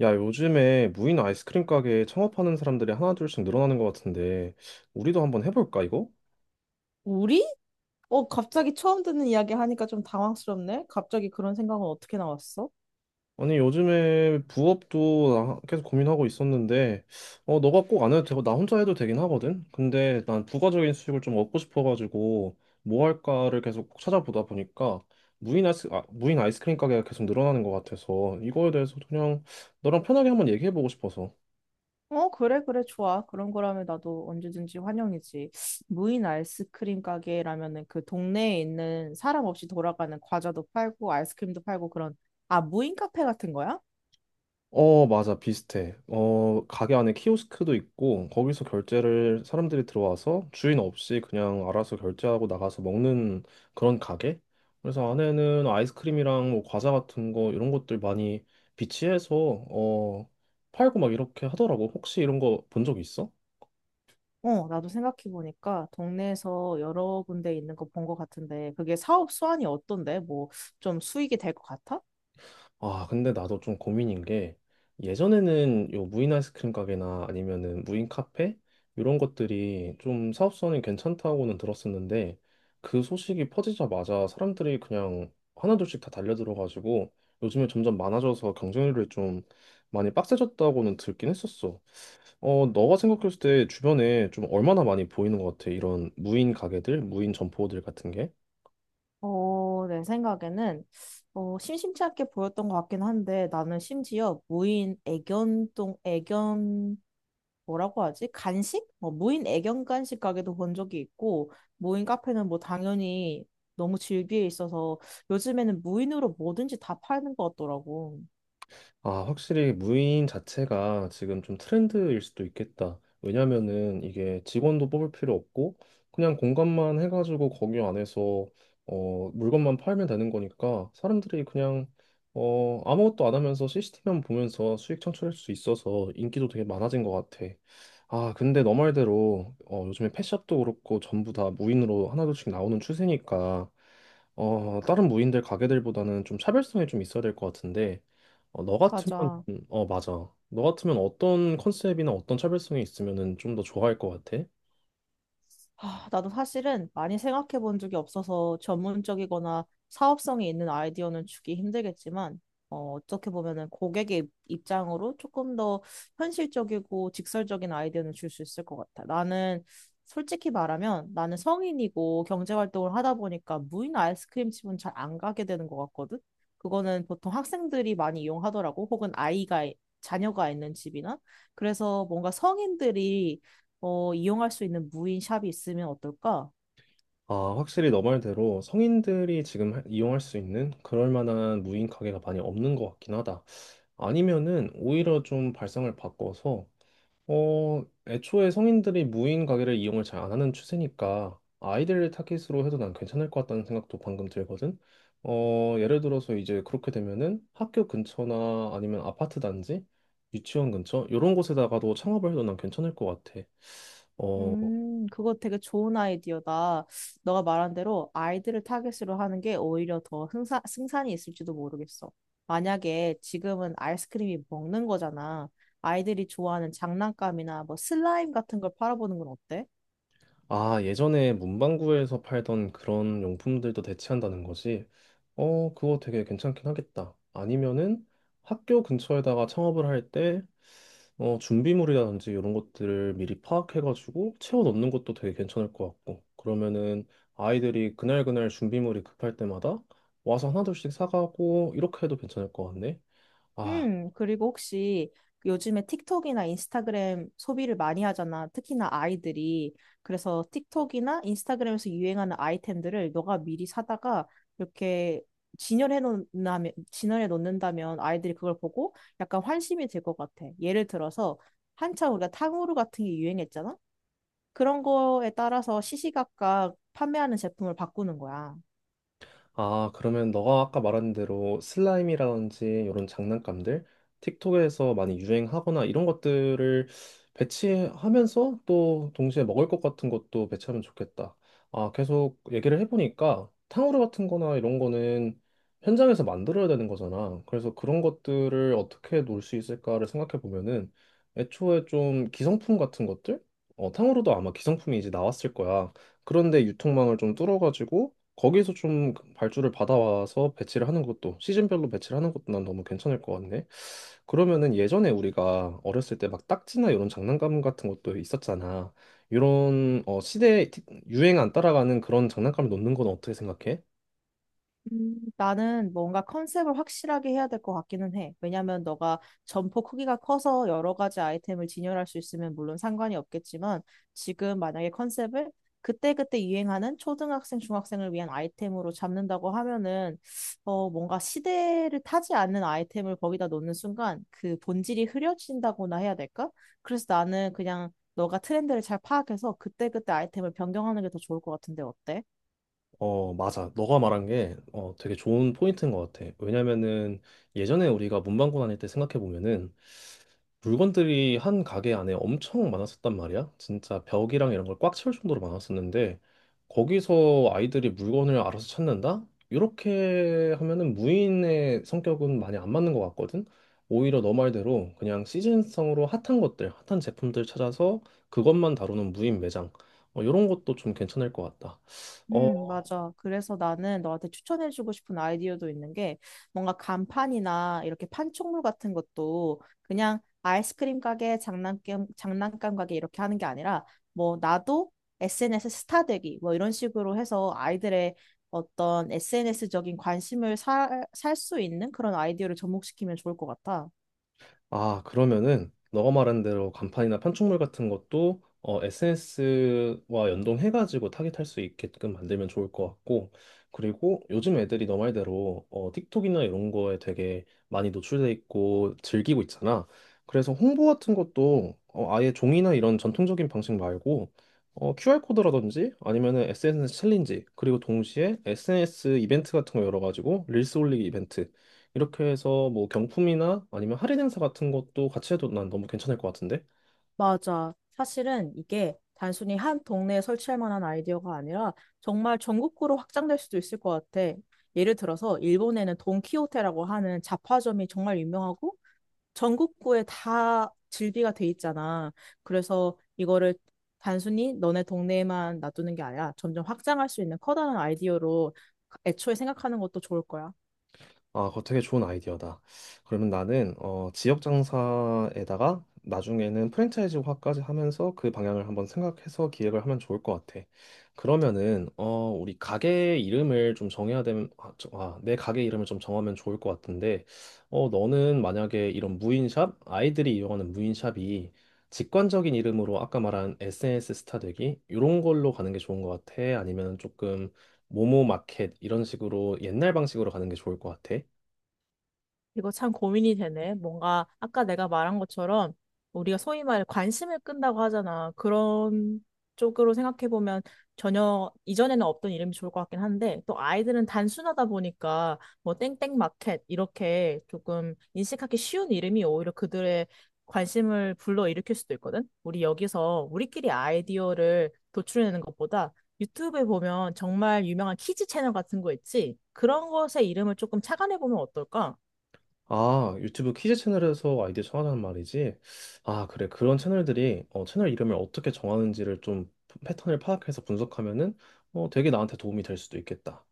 야, 요즘에 무인 아이스크림 가게 창업하는 사람들이 하나둘씩 늘어나는 것 같은데, 우리도 한번 해볼까, 이거? 우리? 갑자기 처음 듣는 이야기 하니까 좀 당황스럽네. 갑자기 그런 생각은 어떻게 나왔어? 아니, 요즘에 부업도 나 계속 고민하고 있었는데, 너가 꼭 안 해도 되고, 나 혼자 해도 되긴 하거든? 근데 난 부가적인 수익을 좀 얻고 싶어가지고, 뭐 할까를 계속 찾아보다 보니까, 아, 무인 아이스크림 가게가 계속 늘어나는 것 같아서, 이거에 대해서 그냥 너랑 편하게 한번 얘기해보고 싶어서. 그래, 그래, 좋아. 그런 거라면 나도 언제든지 환영이지. 무인 아이스크림 가게라면은 그 동네에 있는 사람 없이 돌아가는 과자도 팔고 아이스크림도 팔고 그런, 아, 무인 카페 같은 거야? 어, 맞아. 비슷해. 가게 안에 키오스크도 있고, 거기서 결제를 사람들이 들어와서 주인 없이 그냥 알아서 결제하고 나가서 먹는 그런 가게? 그래서 안에는 아이스크림이랑 뭐 과자 같은 거, 이런 것들 많이 비치해서, 어, 팔고 막 이렇게 하더라고. 혹시 이런 거 본 적 있어? 나도 생각해보니까 동네에서 여러 군데 있는 거 본 것 같은데 그게 사업 수완이 어떤데? 뭐 좀 수익이 될 것 같아? 아, 근데 나도 좀 고민인 게 예전에는 요 무인 아이스크림 가게나 아니면은 무인 카페 이런 것들이 좀 사업성이 괜찮다고는 들었었는데 그 소식이 퍼지자마자 사람들이 그냥 하나둘씩 다 달려들어가지고 요즘에 점점 많아져서 경쟁률이 좀 많이 빡세졌다고는 듣긴 했었어. 어, 너가 생각했을 때 주변에 좀 얼마나 많이 보이는 것 같아? 이런 무인 가게들, 무인 점포들 같은 게? 내 생각에는 심심치 않게 보였던 것 같긴 한데 나는 심지어 뭐라고 하지? 간식? 뭐 무인 애견 간식 가게도 본 적이 있고 무인 카페는 뭐 당연히 너무 질비해 있어서 요즘에는 무인으로 뭐든지 다 파는 것 같더라고. 아, 확실히 무인 자체가 지금 좀 트렌드일 수도 있겠다. 왜냐면은 이게 직원도 뽑을 필요 없고 그냥 공간만 해가지고 거기 안에서 물건만 팔면 되는 거니까 사람들이 그냥 아무것도 안 하면서 CCTV만 보면서 수익 창출할 수 있어서 인기도 되게 많아진 것 같아. 아, 근데 너 말대로 어, 요즘에 펫샵도 그렇고 전부 다 무인으로 하나둘씩 나오는 추세니까 다른 무인들 가게들보다는 좀 차별성이 좀 있어야 될 것 같은데 어, 너 같으면 맞아. 어 맞아. 너 같으면 어떤 컨셉이나 어떤 차별성이 있으면은 좀 더 좋아할 것 같아? 아, 나도 사실은 많이 생각해 본 적이 없어서 전문적이거나 사업성이 있는 아이디어는 주기 힘들겠지만, 어떻게 보면은 고객의 입장으로 조금 더 현실적이고 직설적인 아이디어는 줄 수 있을 것 같아. 나는 솔직히 말하면 나는 성인이고 경제활동을 하다 보니까 무인 아이스크림 집은 잘 안 가게 되는 것 같거든? 그거는 보통 학생들이 많이 이용하더라고. 혹은 아이가, 자녀가 있는 집이나. 그래서 뭔가 성인들이 이용할 수 있는 무인 샵이 있으면 어떨까? 아, 확실히 너 말대로 성인들이 지금 이용할 수 있는 그럴 만한 무인 가게가 많이 없는 것 같긴 하다. 아니면은 오히려 좀 발상을 바꿔서 애초에 성인들이 무인 가게를 이용을 잘 안 하는 추세니까 아이들 타깃으로 해도 난 괜찮을 것 같다는 생각도 방금 들거든. 어, 예를 들어서 이제 그렇게 되면은 학교 근처나 아니면 아파트 단지, 유치원 근처 이런 곳에다가도 창업을 해도 난 괜찮을 것 같아. 어, 그거 되게 좋은 아이디어다. 너가 말한 대로 아이들을 타겟으로 하는 게 오히려 더 승산이 있을지도 모르겠어. 만약에 지금은 아이스크림이 먹는 거잖아. 아이들이 좋아하는 장난감이나 뭐 슬라임 같은 걸 팔아보는 건 어때? 아, 예전에 문방구에서 팔던 그런 용품들도 대체한다는 거지. 어, 그거 되게 괜찮긴 하겠다. 아니면은 학교 근처에다가 창업을 할때 준비물이라든지 이런 것들을 미리 파악해가지고 채워 넣는 것도 되게 괜찮을 것 같고, 그러면은 아이들이 그날그날 준비물이 급할 때마다 와서 하나둘씩 사가고, 이렇게 해도 괜찮을 것 같네. 아, 그리고 혹시 요즘에 틱톡이나 인스타그램 소비를 많이 하잖아. 특히나 아이들이. 그래서 틱톡이나 인스타그램에서 유행하는 아이템들을 너가 미리 사다가 이렇게 진열해 놓는다면 아이들이 그걸 보고 약간 환심이 될 것 같아. 예를 들어서 한참 우리가 탕후루 같은 게 유행했잖아. 그런 거에 따라서 시시각각 판매하는 제품을 바꾸는 거야. 아, 그러면 너가 아까 말한 대로 슬라임이라든지 이런 장난감들, 틱톡에서 많이 유행하거나 이런 것들을 배치하면서 또 동시에 먹을 것 같은 것도 배치하면 좋겠다. 아, 계속 얘기를 해보니까 탕후루 같은 거나 이런 거는 현장에서 만들어야 되는 거잖아. 그래서 그런 것들을 어떻게 놓을 수 있을까를 생각해 보면은 애초에 좀 기성품 같은 것들? 어, 탕후루도 아마 기성품이 이제 나왔을 거야. 그런데 유통망을 좀 뚫어가지고 거기서 좀 발주를 받아와서 배치를 하는 것도 시즌별로 배치를 하는 것도 난 너무 괜찮을 것 같네. 그러면은 예전에 우리가 어렸을 때 막 딱지나 이런 장난감 같은 것도 있었잖아. 이런 어 시대 유행 안 따라가는 그런 장난감을 놓는 건 어떻게 생각해? 나는 뭔가 컨셉을 확실하게 해야 될 것 같기는 해. 왜냐면 너가 점포 크기가 커서 여러 가지 아이템을 진열할 수 있으면 물론 상관이 없겠지만 지금 만약에 컨셉을 그때그때 유행하는 초등학생, 중학생을 위한 아이템으로 잡는다고 하면은 뭔가 시대를 타지 않는 아이템을 거기다 놓는 순간 그 본질이 흐려진다고나 해야 될까? 그래서 나는 그냥 너가 트렌드를 잘 파악해서 그때그때 아이템을 변경하는 게 더 좋을 것 같은데 어때? 어 맞아. 너가 말한 게 어 되게 좋은 포인트인 것 같아. 왜냐면은 예전에 우리가 문방구 다닐 때 생각해 보면은 물건들이 한 가게 안에 엄청 많았었단 말이야. 진짜 벽이랑 이런 걸 꽉 채울 정도로 많았었는데 거기서 아이들이 물건을 알아서 찾는다? 이렇게 하면은 무인의 성격은 많이 안 맞는 것 같거든. 오히려 너 말대로 그냥 시즌성으로 핫한 것들, 핫한 제품들 찾아서 그것만 다루는 무인 매장. 어, 이런 것도 좀 괜찮을 것 같다. 어, 맞아. 그래서 나는 너한테 추천해주고 싶은 아이디어도 있는 게 뭔가 간판이나 이렇게 판촉물 같은 것도 그냥 아이스크림 가게, 장난감 가게 이렇게 하는 게 아니라 뭐 나도 SNS 스타 되기 뭐 이런 식으로 해서 아이들의 어떤 SNS적인 관심을 살 수 있는 그런 아이디어를 접목시키면 좋을 것 같아. 아, 그러면은 너가 말한 대로 간판이나 판촉물 같은 것도 어, SNS와 연동해가지고 타겟할 수 있게끔 만들면 좋을 것 같고, 그리고 요즘 애들이 너 말대로 어, 틱톡이나 이런 거에 되게 많이 노출돼 있고 즐기고 있잖아. 그래서 홍보 같은 것도 아예 종이나 이런 전통적인 방식 말고 QR코드라든지 아니면은 SNS 챌린지, 그리고 동시에 SNS 이벤트 같은 거 열어가지고 릴스 올리기 이벤트 이렇게 해서 뭐 경품이나 아니면 할인 행사 같은 것도 같이 해도 난 너무 괜찮을 것 같은데? 맞아. 사실은 이게 단순히 한 동네에 설치할 만한 아이디어가 아니라 정말 전국구로 확장될 수도 있을 것 같아. 예를 들어서 일본에는 돈키호테라고 하는 잡화점이 정말 유명하고 전국구에 다 즐비가 돼 있잖아. 그래서 이거를 단순히 너네 동네에만 놔두는 게 아니라 점점 확장할 수 있는 커다란 아이디어로 애초에 생각하는 것도 좋을 거야. 아, 그거 되게 좋은 아이디어다. 그러면 나는 어, 지역 장사에다가 나중에는 프랜차이즈화까지 하면서 그 방향을 한번 생각해서 기획을 하면 좋을 것 같아. 그러면은 어, 우리 가게 이름을 좀 정해야 되면 아, 내 가게 이름을 좀 정하면 좋을 것 같은데 어, 너는 만약에 이런 무인샵 아이들이 이용하는 무인샵이 직관적인 이름으로 아까 말한 SNS 스타 되기 이런 걸로 가는 게 좋은 것 같아? 아니면 조금 모모 마켓 이런 식으로 옛날 방식으로 가는 게 좋을 것 같아? 이거 참 고민이 되네. 뭔가 아까 내가 말한 것처럼 우리가 소위 말해 관심을 끈다고 하잖아. 그런 쪽으로 생각해 보면 전혀 이전에는 없던 이름이 좋을 것 같긴 한데 또 아이들은 단순하다 보니까 뭐 땡땡 마켓 이렇게 조금 인식하기 쉬운 이름이 오히려 그들의 관심을 불러일으킬 수도 있거든. 우리 여기서 우리끼리 아이디어를 도출해내는 것보다 유튜브에 보면 정말 유명한 키즈 채널 같은 거 있지? 그런 것의 이름을 조금 착안해 보면 어떨까? 아, 유튜브 키즈 채널에서 아이디어 정하자는 말이지. 아, 그래. 그런 채널들이 어, 채널 이름을 어떻게 정하는지를 좀 패턴을 파악해서 분석하면은 되게 나한테 도움이 될 수도 있겠다.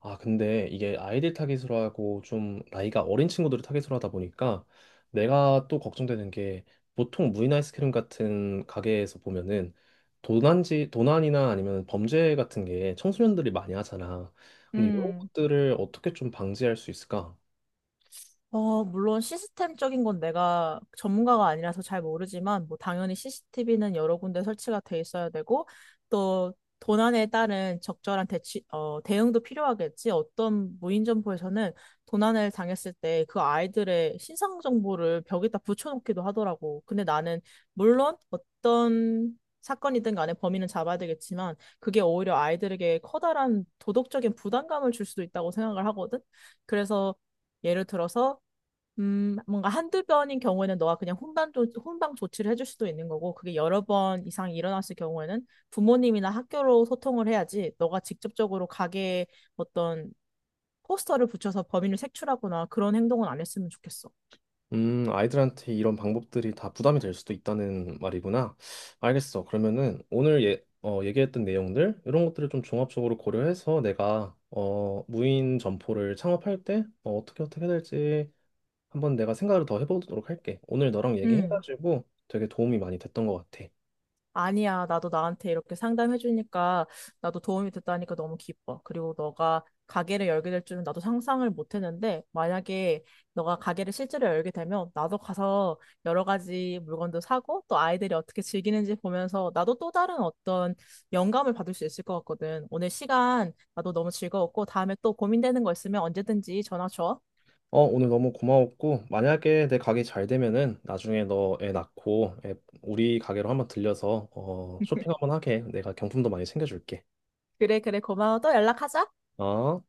아, 근데 이게 아이들 타깃으로 하고 좀 나이가 어린 친구들을 타깃으로 하다 보니까 내가 또 걱정되는 게 보통 무인 아이스크림 같은 가게에서 보면은 도난이나 아니면 범죄 같은 게 청소년들이 많이 하잖아. 근데 이런 음. 것들을 어떻게 좀 방지할 수 있을까? 물론 시스템적인 건 내가 전문가가 아니라서 잘 모르지만, 뭐, 당연히 CCTV는 여러 군데 설치가 돼 있어야 되고, 또, 도난에 따른 적절한 대응도 필요하겠지. 어떤 무인점포에서는 도난을 당했을 때 그 아이들의 신상 정보를 벽에다 붙여놓기도 하더라고. 근데 나는, 물론 어떤 사건이든 간에 범인은 잡아야 되겠지만, 그게 오히려 아이들에게 커다란 도덕적인 부담감을 줄 수도 있다고 생각을 하거든. 그래서 예를 들어서 뭔가 한두 번인 경우에는 너가 그냥 훈방 조치를 해줄 수도 있는 거고, 그게 여러 번 이상 일어났을 경우에는 부모님이나 학교로 소통을 해야지, 너가 직접적으로 가게에 어떤 포스터를 붙여서 범인을 색출하거나 그런 행동은 안 했으면 좋겠어. 아이들한테 이런 방법들이 다 부담이 될 수도 있다는 말이구나. 알겠어. 그러면은 오늘 얘기했던 내용들, 이런 것들을 좀 종합적으로 고려해서 내가 어, 무인 점포를 창업할 때 어, 떻게 어떻게 해야 될지 한번 내가 생각을 더 해보도록 할게. 오늘 너랑 음. 얘기해가지고 되게 도움이 많이 됐던 것 같아. 아니야, 나도 나한테 이렇게 상담해주니까 나도 도움이 됐다니까 너무 기뻐. 그리고 너가 가게를 열게 될 줄은 나도 상상을 못했는데 만약에 너가 가게를 실제로 열게 되면 나도 가서 여러 가지 물건도 사고 또 아이들이 어떻게 즐기는지 보면서 나도 또 다른 어떤 영감을 받을 수 있을 것 같거든. 오늘 시간 나도 너무 즐거웠고 다음에 또 고민되는 거 있으면 언제든지 전화 줘. 어, 오늘 너무 고마웠고, 만약에 내 가게 잘 되면은 나중에 너 애 낳고 애- 우리 가게로 한번 들려서 쇼핑 한번 하게. 내가 경품도 많이 챙겨줄게. 그래, 그래, 고마워. 또 연락하자. 어?